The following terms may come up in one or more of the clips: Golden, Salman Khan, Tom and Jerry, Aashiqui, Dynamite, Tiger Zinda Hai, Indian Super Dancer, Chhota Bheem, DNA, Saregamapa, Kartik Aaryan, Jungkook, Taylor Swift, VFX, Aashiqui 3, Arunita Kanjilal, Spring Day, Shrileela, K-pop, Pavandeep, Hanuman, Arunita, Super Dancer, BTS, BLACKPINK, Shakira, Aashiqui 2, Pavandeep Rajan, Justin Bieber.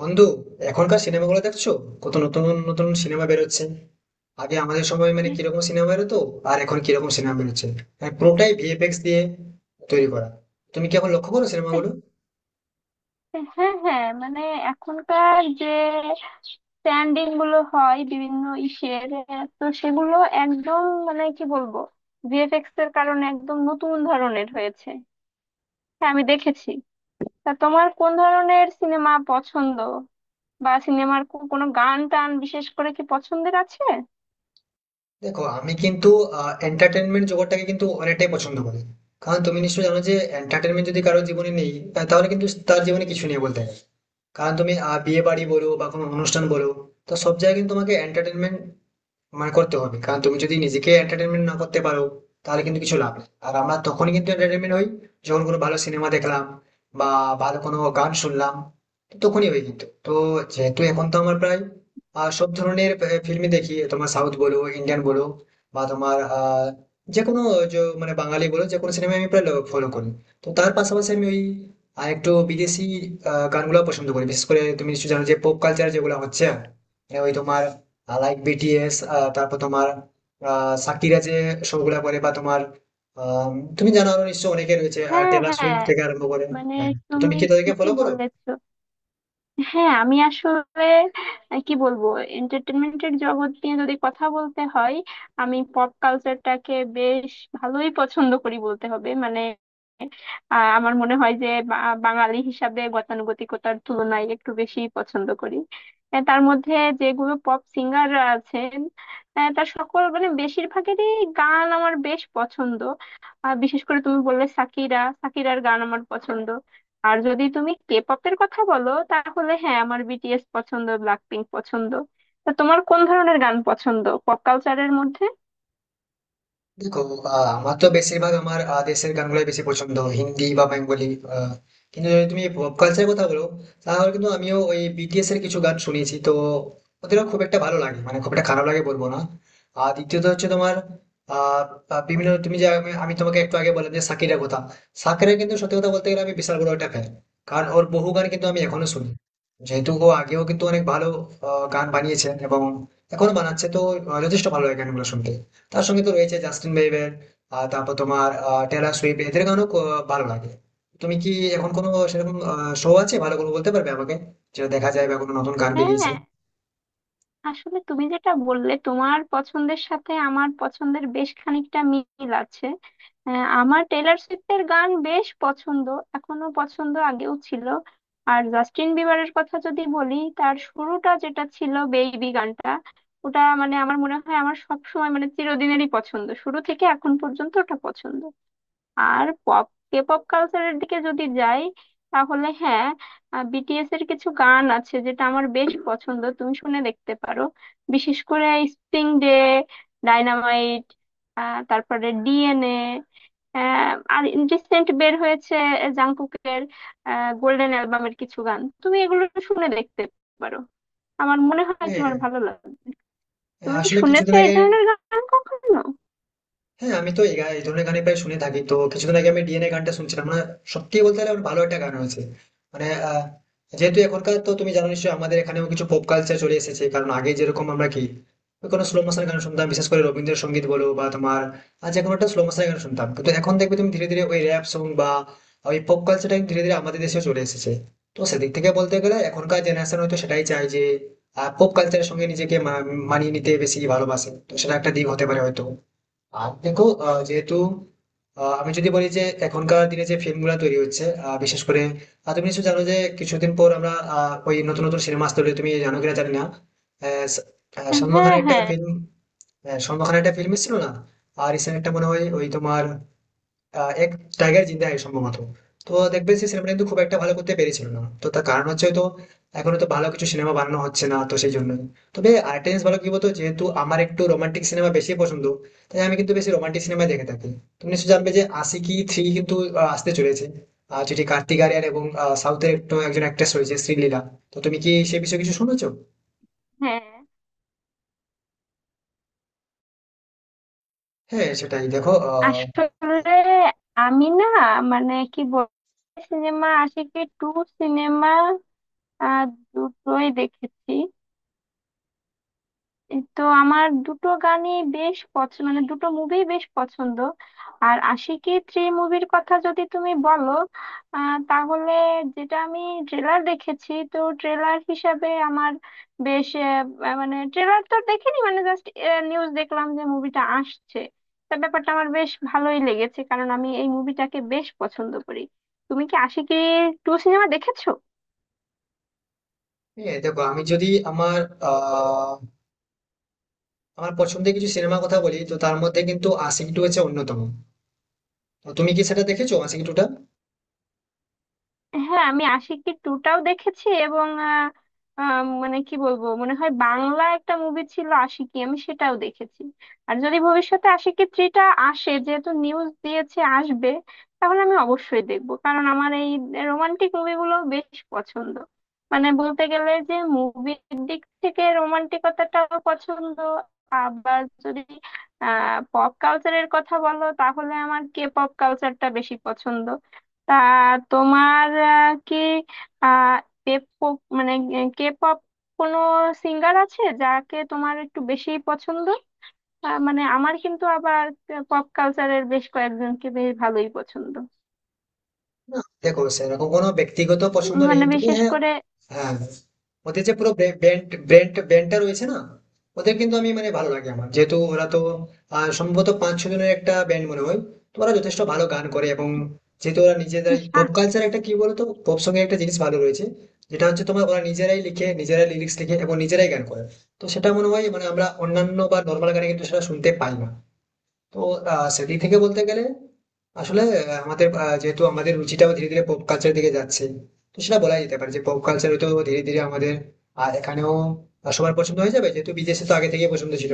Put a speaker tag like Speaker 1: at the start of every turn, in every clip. Speaker 1: বন্ধু, এখনকার সিনেমাগুলো দেখছো? কত নতুন নতুন সিনেমা বেরোচ্ছে! আগে আমাদের সময় মানে কিরকম সিনেমা বেরোতো, আর এখন কিরকম সিনেমা বেরোচ্ছে। মানে পুরোটাই VFX দিয়ে তৈরি করা। তুমি কি এখন লক্ষ্য করো সিনেমাগুলো?
Speaker 2: হ্যাঁ, হ্যাঁ, মানে এখনকার যে স্ট্যান্ডিং গুলো হয় বিভিন্ন ইসের তো সেগুলো একদম মানে কি বলবো, ভিএফএক্স এর কারণে একদম নতুন ধরনের হয়েছে। হ্যাঁ, আমি দেখেছি। তা তোমার কোন ধরনের সিনেমা পছন্দ, বা সিনেমার কোনো গান টান বিশেষ করে কি পছন্দের আছে?
Speaker 1: দেখো, আমি কিন্তু এন্টারটেনমেন্ট জগৎটাকে কিন্তু অনেকটাই পছন্দ করি। কারণ তুমি নিশ্চয়ই জানো যে এন্টারটেনমেন্ট যদি কারোর জীবনে নেই তাহলে কিন্তু তার জীবনে কিছু নেই বলতে গেলে। কারণ তুমি বিয়ে বাড়ি বলো বা কোনো অনুষ্ঠান বলো, তো সব জায়গায় কিন্তু তোমাকে এন্টারটেনমেন্ট মানে করতে হবে। কারণ তুমি যদি নিজেকে এন্টারটেনমেন্ট না করতে পারো, তাহলে কিন্তু কিছু লাভ নেই। আর আমরা তখনই কিন্তু এন্টারটেনমেন্ট হই যখন কোনো ভালো সিনেমা দেখলাম বা ভালো কোনো গান শুনলাম, তো তখনই হই কিন্তু তো। যেহেতু এখন তো আমার প্রায় সব ধরনের ফিল্মই দেখি, তোমার সাউথ বলো, ইন্ডিয়ান বলো, বা তোমার যে কোনো মানে বাঙালি বলো, যে কোনো সিনেমা আমি প্রায় ফলো করি। তো তার পাশাপাশি আমি ওই আর একটু বিদেশি গানগুলো পছন্দ করি। বিশেষ করে তুমি নিশ্চয়ই জানো যে পপ কালচার যেগুলো হচ্ছে, মানে ওই তোমার লাইক BTS, তারপর তোমার সাকিরা যে শো গুলা করে, বা তোমার আম, তুমি জানো আরো নিশ্চয় অনেকে রয়েছে,
Speaker 2: হ্যাঁ,
Speaker 1: টেলর
Speaker 2: হ্যাঁ,
Speaker 1: সুইফট থেকে আরম্ভ করে।
Speaker 2: মানে
Speaker 1: হ্যাঁ, তো তুমি
Speaker 2: তুমি
Speaker 1: কি তাদেরকে
Speaker 2: ঠিকই
Speaker 1: ফলো করো?
Speaker 2: বলেছো। হ্যাঁ, আমি আসলে কি বলবো, এন্টারটেনমেন্টের জগৎ নিয়ে যদি কথা বলতে হয়, আমি পপ কালচারটাকে বেশ ভালোই পছন্দ করি বলতে হবে। মানে আমার মনে হয় যে বাঙালি হিসাবে গতানুগতিকতার তুলনায় একটু বেশি পছন্দ করি। তার মধ্যে যেগুলো পপ সিঙ্গার আছেন, তার সকল মানে বেশিরভাগেরই গান আমার বেশ পছন্দ। আর বিশেষ করে তুমি বললে সাকিরা, সাকিরার গান আমার পছন্দ। আর যদি তুমি কে পপের কথা বলো, তাহলে হ্যাঁ, আমার বিটিএস পছন্দ, ব্ল্যাকপিঙ্ক পছন্দ। তা তোমার কোন ধরনের গান পছন্দ পপ কালচারের মধ্যে?
Speaker 1: দেখো, আমার তো বেশিরভাগ আমার দেশের গানগুলোই বেশি পছন্দ, হিন্দি বা বেঙ্গলি। আহ, কিন্তু যদি তুমি পপ কালচারের কথা বলো, তাহলে কিন্তু আমিও ওই BTS এর কিছু গান শুনেছি, তো ওদেরও খুব একটা ভালো লাগে, মানে খুব একটা খারাপ লাগে বলবো না। আর দ্বিতীয়ত হচ্ছে তোমার আহ আহ, বিভিন্ন তুমি যে আমি আমি তোমাকে একটু আগে বললাম যে শাকিরের কথা। শাকিরের কিন্তু সত্যি কথা বলতে গেলে আমি বিশাল বড় একটা ফ্যান। কারণ ওর বহু গান কিন্তু আমি এখনো শুনি, যেহেতু ও আগেও কিন্তু অনেক ভালো গান বানিয়েছেন, এবং এখনো বানাচ্ছে, তো যথেষ্ট ভালো লাগে গানগুলো শুনতে। তার সঙ্গে তো রয়েছে জাস্টিন বিবার, আর তারপর তোমার টেলর সুইফট, এদের গানও ভালো লাগে। তুমি কি এখন কোনো সেরকম শো আছে ভালো করে বলতে পারবে আমাকে, যেটা দেখা যায়, বা কোনো নতুন গান বেরিয়েছে?
Speaker 2: হ্যাঁ, আসলে তুমি যেটা বললে তোমার পছন্দের সাথে আমার পছন্দের বেশ খানিকটা মিল আছে। আমার টেলর সুইফটের গান বেশ পছন্দ, এখনো পছন্দ, আগেও ছিল। আর জাস্টিন বিবারের কথা যদি বলি, তার শুরুটা যেটা ছিল বেবি গানটা, ওটা মানে আমার মনে হয় আমার সব সময় মানে চিরদিনেরই পছন্দ, শুরু থেকে এখন পর্যন্ত ওটা পছন্দ। আর পপ, কে পপ কালচারের দিকে যদি যাই, তাহলে হ্যাঁ, বিটিএস এর কিছু গান আছে যেটা আমার বেশ পছন্দ, তুমি শুনে দেখতে পারো। বিশেষ করে স্প্রিং ডে, ডাইনামাইট, তারপরে ডিএনএ, আর রিসেন্ট বের হয়েছে জাংকুকের গোল্ডেন অ্যালবামের কিছু গান, তুমি এগুলো শুনে দেখতে পারো। আমার মনে হয়
Speaker 1: হ্যাঁ,
Speaker 2: তোমার ভালো লাগবে। তুমি কি
Speaker 1: আসলে
Speaker 2: শুনেছো
Speaker 1: কিছুদিন
Speaker 2: এই
Speaker 1: আগে
Speaker 2: ধরনের গান কখনো?
Speaker 1: হ্যাঁ, আমি তো এই এই ধরনের গানই প্রায় শুনে থাকি। তো কিছুদিন আগে আমি DNA গানটা শুনছিলাম না, সত্যি বলতে গেলে আমার ভালো একটা গান হয়েছে মানে যেহেতু এখনকার তো তুমি জানো নিশ্চয়ই, আমাদের এখানেও কিছু পপ কালচার চলে এসেছে। কারণ আগে যেরকম আমরা কি ওই কোনো স্লো মোশন গান শুনতাম, বিশেষ করে রবীন্দ্রসঙ্গীত বলো বা তোমার আর যে কোনো একটা স্লো মোশন গান শুনতাম। কিন্তু এখন দেখবে তুমি ধীরে ধীরে ওই র্যাপ সং বা ওই পপ কালচারটা ধীরে ধীরে আমাদের দেশেও চলে এসেছে। তো সেদিক থেকে বলতে গেলে এখনকার জেনারেশন হয়তো সেটাই চায় যে পপ কালচারের সঙ্গে নিজেকে মানিয়ে নিতে বেশি ভালোবাসে। তো সেটা একটা দিক হতে পারে হয়তো। আর দেখো, যেহেতু আমি যদি বলি যে এখনকার দিনে যে ফিল্ম গুলা তৈরি হচ্ছে, বিশেষ করে তুমি নিশ্চয় জানো যে কিছুদিন পর আমরা ওই নতুন নতুন সিনেমা আসতে হলে তুমি জানো কিনা জানি না। আহ, স- সলমান
Speaker 2: হ্যাঁ,
Speaker 1: খানের একটা
Speaker 2: হ্যাঁ।
Speaker 1: ফিল্ম, সলমান খানের একটা ফিল্ম ছিল না? আর রিসেন্ট একটা মনে হয় ওই তোমার এক, টাইগার জিন্দা है সম্ভবত। তো দেখবে সেই সিনেমাটা কিন্তু খুব একটা ভালো করতে পেরেছিল না, তো তার কারণ হচ্ছে তো এখন তো ভালো কিছু সিনেমা বানানো হচ্ছে না, তো সেই জন্য। তবে আরেকটা জিনিস ভালো কি বলতো, যেহেতু আমার একটু রোমান্টিক সিনেমা বেশি পছন্দ, তাই আমি কিন্তু বেশি রোমান্টিক সিনেমা দেখে থাকি। তুমি নিশ্চয়ই জানবে যে আশিকি থ্রি কিন্তু আসতে চলেছে। আর যেটি কার্তিক আরিয়ান এবং সাউথের একটু একজন অ্যাক্ট্রেস রয়েছে, শ্রীলীলা। তো তুমি কি সে বিষয়ে কিছু শুনেছো?
Speaker 2: হ্যাঁ,
Speaker 1: হ্যাঁ, সেটাই দেখো।
Speaker 2: আসলে আমি না, মানে কি বল, সিনেমা আশিকি টু সিনেমা দুটোই দেখেছি। এই তো আমার দুটো গানই বেশ পছন্দ, মানে দুটো মুভি বেশ পছন্দ। আর আশিকি থ্রি মুভির কথা যদি তুমি বলো, তাহলে যেটা আমি ট্রেলার দেখেছি, তো ট্রেলার হিসাবে আমার বেশ আহ, আহ, মানে ট্রেলার তো দেখিনি, মানে জাস্ট নিউজ দেখলাম যে মুভিটা আসছে। তা ব্যাপারটা আমার বেশ ভালোই লেগেছে কারণ আমি এই মুভিটাকে বেশ পছন্দ করি। তুমি কি আশিকি টু সিনেমা দেখেছো?
Speaker 1: হ্যাঁ, দেখো, আমি যদি আমার আহ আমার পছন্দের কিছু সিনেমার কথা বলি, তো তার মধ্যে কিন্তু আশিকি টু হচ্ছে অন্যতম। তো তুমি কি সেটা দেখেছো, আশিকি টুটা?
Speaker 2: হ্যাঁ, আমি আশিকি টুটাও দেখেছি এবং আহ, আহ, মানে কি বলবো, মনে হয় বাংলা একটা মুভি ছিল আশিকি, আমি সেটাও দেখেছি। আর যদি ভবিষ্যতে আশিকি থ্রিটা আসে, যেহেতু নিউজ দিয়েছে আসবে, তাহলে আমি অবশ্যই দেখবো কারণ আমার এই রোমান্টিক মুভিগুলো বেশ পছন্দ। মানে বলতে গেলে যে মুভির দিক থেকে রোমান্টিকতাটাও পছন্দ। আবার যদি পপ কালচারের কথা বলো, তাহলে আমার কে পপ কালচারটা বেশি পছন্দ। তা তোমার কি আহ K-pop মানে কে পপ কোনো সিঙ্গার আছে যাকে তোমার একটু বেশি পছন্দ? মানে আমার কিন্তু আবার পপ কালচারের বেশ কয়েকজনকে বেশ ভালোই পছন্দ।
Speaker 1: না, দেখো, সেরকম কোনো ব্যক্তিগত পছন্দ নেই,
Speaker 2: মানে
Speaker 1: তবে
Speaker 2: বিশেষ
Speaker 1: হ্যাঁ।
Speaker 2: করে
Speaker 1: হ্যাঁ, ওদের যে পুরো ব্যান্ড ব্যান্ড ব্যান্ডটা রয়েছে না, ওদের কিন্তু আমি মানে ভালো লাগে আমার। যেহেতু ওরা তো সম্ভবত পাঁচ ছ জনের একটা ব্যান্ড মনে হয়। তো ওরা যথেষ্ট ভালো গান করে। এবং যেহেতু ওরা নিজেরাই
Speaker 2: সা-
Speaker 1: পপ কালচার, একটা কি বলতো, পপ সঙ্গে একটা জিনিস ভালো রয়েছে, যেটা হচ্ছে তোমার ওরা নিজেরাই লিখে, নিজেরাই লিরিক্স লিখে, এবং নিজেরাই গান করে। তো সেটা মনে হয়, মানে আমরা অন্যান্য বা নর্মাল গানে কিন্তু সেটা শুনতে পাই না। তো সেদিক থেকে বলতে গেলে, আসলে আমাদের যেহেতু আমাদের রুচিটাও ধীরে ধীরে পপ কালচারের দিকে যাচ্ছে, তো সেটা বলা যেতে পারে যে পপ কালচার তো ধীরে ধীরে আমাদের এখানেও সবার পছন্দ হয়ে যাবে, যেহেতু বিদেশে তো আগে থেকেই পছন্দ ছিল।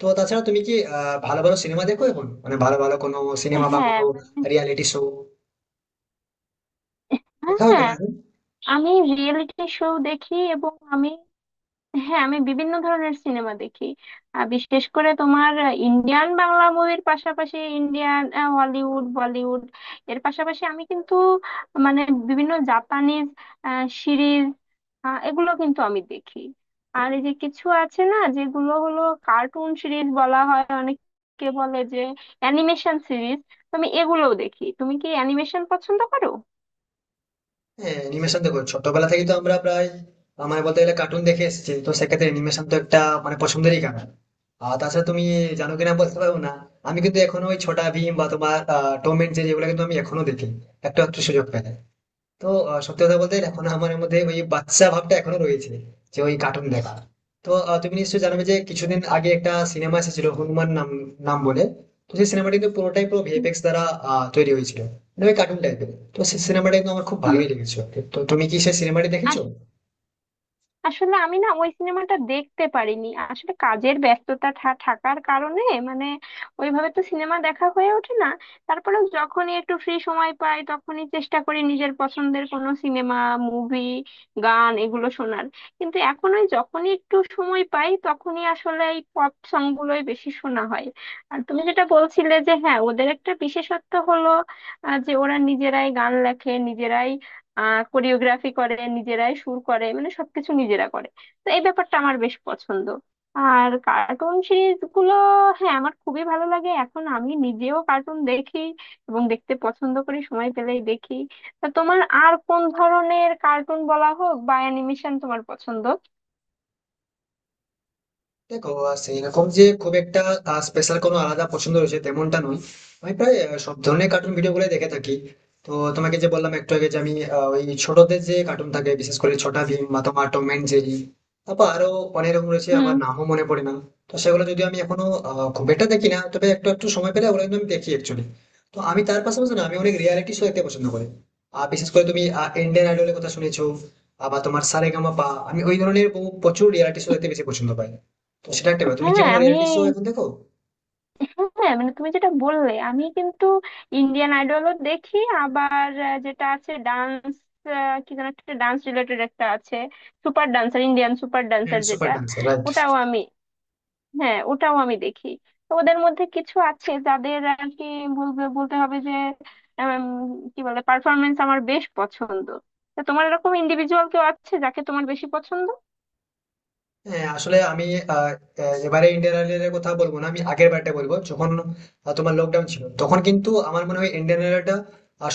Speaker 1: তো তাছাড়া তুমি কি ভালো ভালো সিনেমা দেখো এখন, মানে ভালো ভালো কোনো সিনেমা বা
Speaker 2: হ্যাঁ,
Speaker 1: কোনো
Speaker 2: মানে
Speaker 1: রিয়ালিটি শো দেখা হয়
Speaker 2: হ্যাঁ,
Speaker 1: তোমার এখন?
Speaker 2: আমি রিয়েলিটি শো দেখি এবং আমি, হ্যাঁ, আমি বিভিন্ন ধরনের সিনেমা দেখি। বিশেষ করে তোমার ইন্ডিয়ান বাংলা মুভির পাশাপাশি ইন্ডিয়ান হলিউড বলিউড এর পাশাপাশি আমি কিন্তু মানে বিভিন্ন জাপানিজ সিরিজ এগুলো কিন্তু আমি দেখি। আর এই যে কিছু আছে না যেগুলো হলো কার্টুন সিরিজ বলা হয়, অনেকে বলে যে অ্যানিমেশন সিরিজ, তো আমি এগুলোও দেখি। তুমি কি অ্যানিমেশন পছন্দ করো?
Speaker 1: হ্যাঁ, অ্যানিমেশন, দেখো ছোটবেলা থেকে তো আমরা প্রায় মানে বলতে গেলে কার্টুন দেখে এসেছি, তো সেক্ষেত্রে অ্যানিমেশন তো একটা মানে পছন্দেরই কারণ। আর তাছাড়া তুমি জানো কিনা বলতে পারবো না, আমি কিন্তু এখনো ওই ছোটা ভীম বা তোমার টম এন্ড জেরি এগুলো কিন্তু আমি এখনো দেখি, একটু একটু সুযোগ পেলে। তো সত্যি কথা বলতে এখন আমার মধ্যে ওই বাচ্চা ভাবটা এখনো রয়েছে, যে ওই কার্টুন দেখা। তো তুমি নিশ্চয়ই জানবে যে কিছুদিন আগে একটা সিনেমা এসেছিল হনুমান নাম নাম বলে। তো সেই সিনেমাটা কিন্তু পুরোটাই পুরো VFX দ্বারা তৈরি হয়েছিল, মানে ওই কার্টুন টাইপের। তো সেই সিনেমাটা কিন্তু আমার খুব
Speaker 2: হুম,
Speaker 1: ভালোই লেগেছিল। তো তুমি কি সেই সিনেমাটি দেখেছো?
Speaker 2: আসলে আমি না, ওই সিনেমাটা দেখতে পারিনি আসলে কাজের ব্যস্ততা থাকার কারণে। মানে ওইভাবে তো সিনেমা দেখা হয়ে ওঠে না। তারপরে যখনই একটু ফ্রি সময় পাই তখনই চেষ্টা করি নিজের পছন্দের কোনো সিনেমা, মুভি, গান এগুলো শোনার। কিন্তু এখন ওই যখনই একটু সময় পাই তখনই আসলে এই পপ সং গুলোই বেশি শোনা হয়। আর তুমি যেটা বলছিলে যে হ্যাঁ, ওদের একটা বিশেষত্ব হলো যে ওরা নিজেরাই গান লেখে, নিজেরাই কোরিওগ্রাফি করে, নিজেরাই সুর করে, মানে সবকিছু নিজেরা করে। তো এই ব্যাপারটা আমার বেশ পছন্দ। আর কার্টুন সিরিজ গুলো, হ্যাঁ, আমার খুবই ভালো লাগে। এখন আমি নিজেও কার্টুন দেখি এবং দেখতে পছন্দ করি, সময় পেলেই দেখি। তা তোমার আর কোন ধরনের কার্টুন বলা হোক বা অ্যানিমেশন তোমার পছন্দ?
Speaker 1: দেখো, সেইরকম যে খুব একটা স্পেশাল কোনো আলাদা পছন্দ রয়েছে তেমনটা নয়। আমি প্রায় সব ধরনের কার্টুন ভিডিও গুলো দেখে থাকি। তো তোমাকে যে বললাম একটু আগে যে আমি ওই ছোটদের যে কার্টুন থাকে, বিশেষ করে ছোটা ভীম বা তোমার টম অ্যান্ড জেরি, তারপর আরো অনেক রকম রয়েছে, আমার
Speaker 2: হুম।
Speaker 1: নামও মনে পড়ে না। তো সেগুলো যদি আমি এখনো খুব একটা দেখি না, তবে একটু একটু সময় পেলে ওগুলো কিন্তু আমি দেখি অ্যাকচুয়ালি। তো আমি তার পাশাপাশি না, আমি অনেক রিয়ালিটি শো দেখতে পছন্দ করি। আর বিশেষ করে তুমি ইন্ডিয়ান আইডলের কথা শুনেছো, আবার তোমার সারেগামাপা, আমি ওই ধরনের বহু প্রচুর রিয়ালিটি শো দেখতে বেশি পছন্দ পাই। তো সেটা একটা ব্যাপার। তুমি কি
Speaker 2: হ্যাঁ,
Speaker 1: কোনো
Speaker 2: আমি,
Speaker 1: রিয়েলিটি শো এখন দেখো?
Speaker 2: হ্যাঁ, মানে তুমি যেটা বললে, আমি কিন্তু ইন্ডিয়ান আইডলও দেখি, আবার যেটা আছে ডান্স, কি যেন একটা ডান্স রিলেটেড একটা আছে, সুপার ডান্সার, ইন্ডিয়ান সুপার
Speaker 1: হ্যাঁ,
Speaker 2: ডান্সার
Speaker 1: সুপার
Speaker 2: যেটা,
Speaker 1: ডান্সার, রাইট।
Speaker 2: ওটাও আমি, হ্যাঁ ওটাও আমি দেখি। তো ওদের মধ্যে কিছু আছে যাদের আর কি বলবে, বলতে হবে যে উম, কি বলে, পারফরমেন্স আমার বেশ পছন্দ। তো তোমার এরকম ইন্ডিভিজুয়াল কেউ আছে যাকে তোমার বেশি পছন্দ?
Speaker 1: হ্যাঁ, আসলে আমি আহ, আহ, এবারে ইন্ডিয়ান আইডলের কথা বলবো না, আমি আগের বারটা বলবো, যখন তোমার লকডাউন ছিল, তখন কিন্তু আমার মনে হয় ইন্ডিয়ান আইডলটা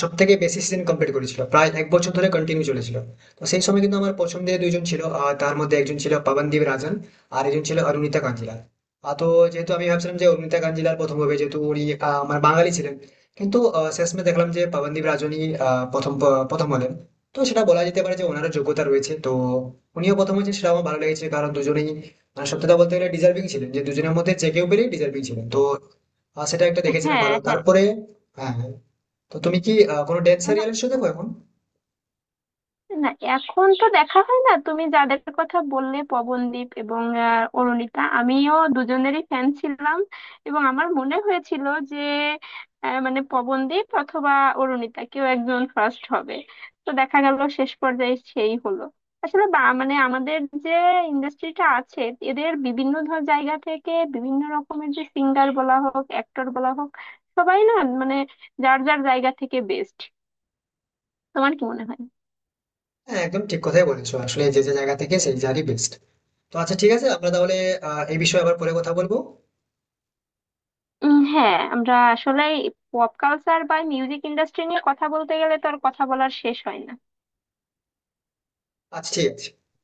Speaker 1: সব থেকে বেশি সিজন কমপ্লিট করেছিল, প্রায় এক বছর ধরে কন্টিনিউ চলেছিল। তো সেই সময় কিন্তু আমার পছন্দের দুইজন ছিল, তার মধ্যে একজন ছিল পবনদীপ রাজন, আর একজন ছিল অরুণিতা কাঞ্জিলাল। তো যেহেতু আমি ভাবছিলাম যে অরুণিতা কাঞ্জিলাল প্রথম হবে, যেহেতু উনি আমার বাঙালি ছিলেন। কিন্তু শেষমে দেখলাম যে পবনদীপ রাজনই প্রথম প্রথম হলেন। তো সেটা বলা যেতে পারে যে ওনারও যোগ্যতা রয়েছে, তো উনিও প্রথম হয়েছেন, সেটা আমার ভালো লেগেছে। কারণ দুজনেই মানে সত্যি কথা বলতে গেলে ডিজার্ভিং ছিলেন, যে দুজনের মধ্যে যে কেউ পেলেই ডিজার্ভিং ছিলেন, তো সেটা একটা দেখেছিলাম
Speaker 2: হ্যাঁ,
Speaker 1: ভালো,
Speaker 2: হ্যাঁ।
Speaker 1: তারপরে। হ্যাঁ, হ্যাঁ। তো তুমি কি কোনো ড্যান্স রিয়েলিটি শো দেখো এখন?
Speaker 2: না, এখন তো দেখা হয় না। তুমি যাদের কথা বললে পবনদীপ এবং অরুণিতা, আমিও দুজনেরই ফ্যান ছিলাম। এবং আমার মনে হয়েছিল যে মানে পবনদীপ অথবা অরুণিতা কেউ একজন ফার্স্ট হবে। তো দেখা গেল শেষ পর্যায়ে সেই হলো। আসলে বা মানে আমাদের যে ইন্ডাস্ট্রিটা আছে, এদের বিভিন্ন ধর জায়গা থেকে বিভিন্ন রকমের যে সিঙ্গার বলা হোক, অ্যাক্টর বলা হোক, সবাই না মানে যার যার জায়গা থেকে বেস্ট। তোমার কি মনে হয়?
Speaker 1: হ্যাঁ, একদম ঠিক কথাই বলেছো। আসলে যে যে জায়গা থেকে সেই জায়গারই বেস্ট। তো আচ্ছা, ঠিক আছে, আমরা তাহলে এই বিষয়ে আবার পরে কথা বলবো।
Speaker 2: উম, হ্যাঁ, আমরা আসলে পপ কালচার বা মিউজিক ইন্ডাস্ট্রি নিয়ে কথা বলতে গেলে তো আর কথা বলার শেষ হয় না।
Speaker 1: আচ্ছা, ঠিক আছে।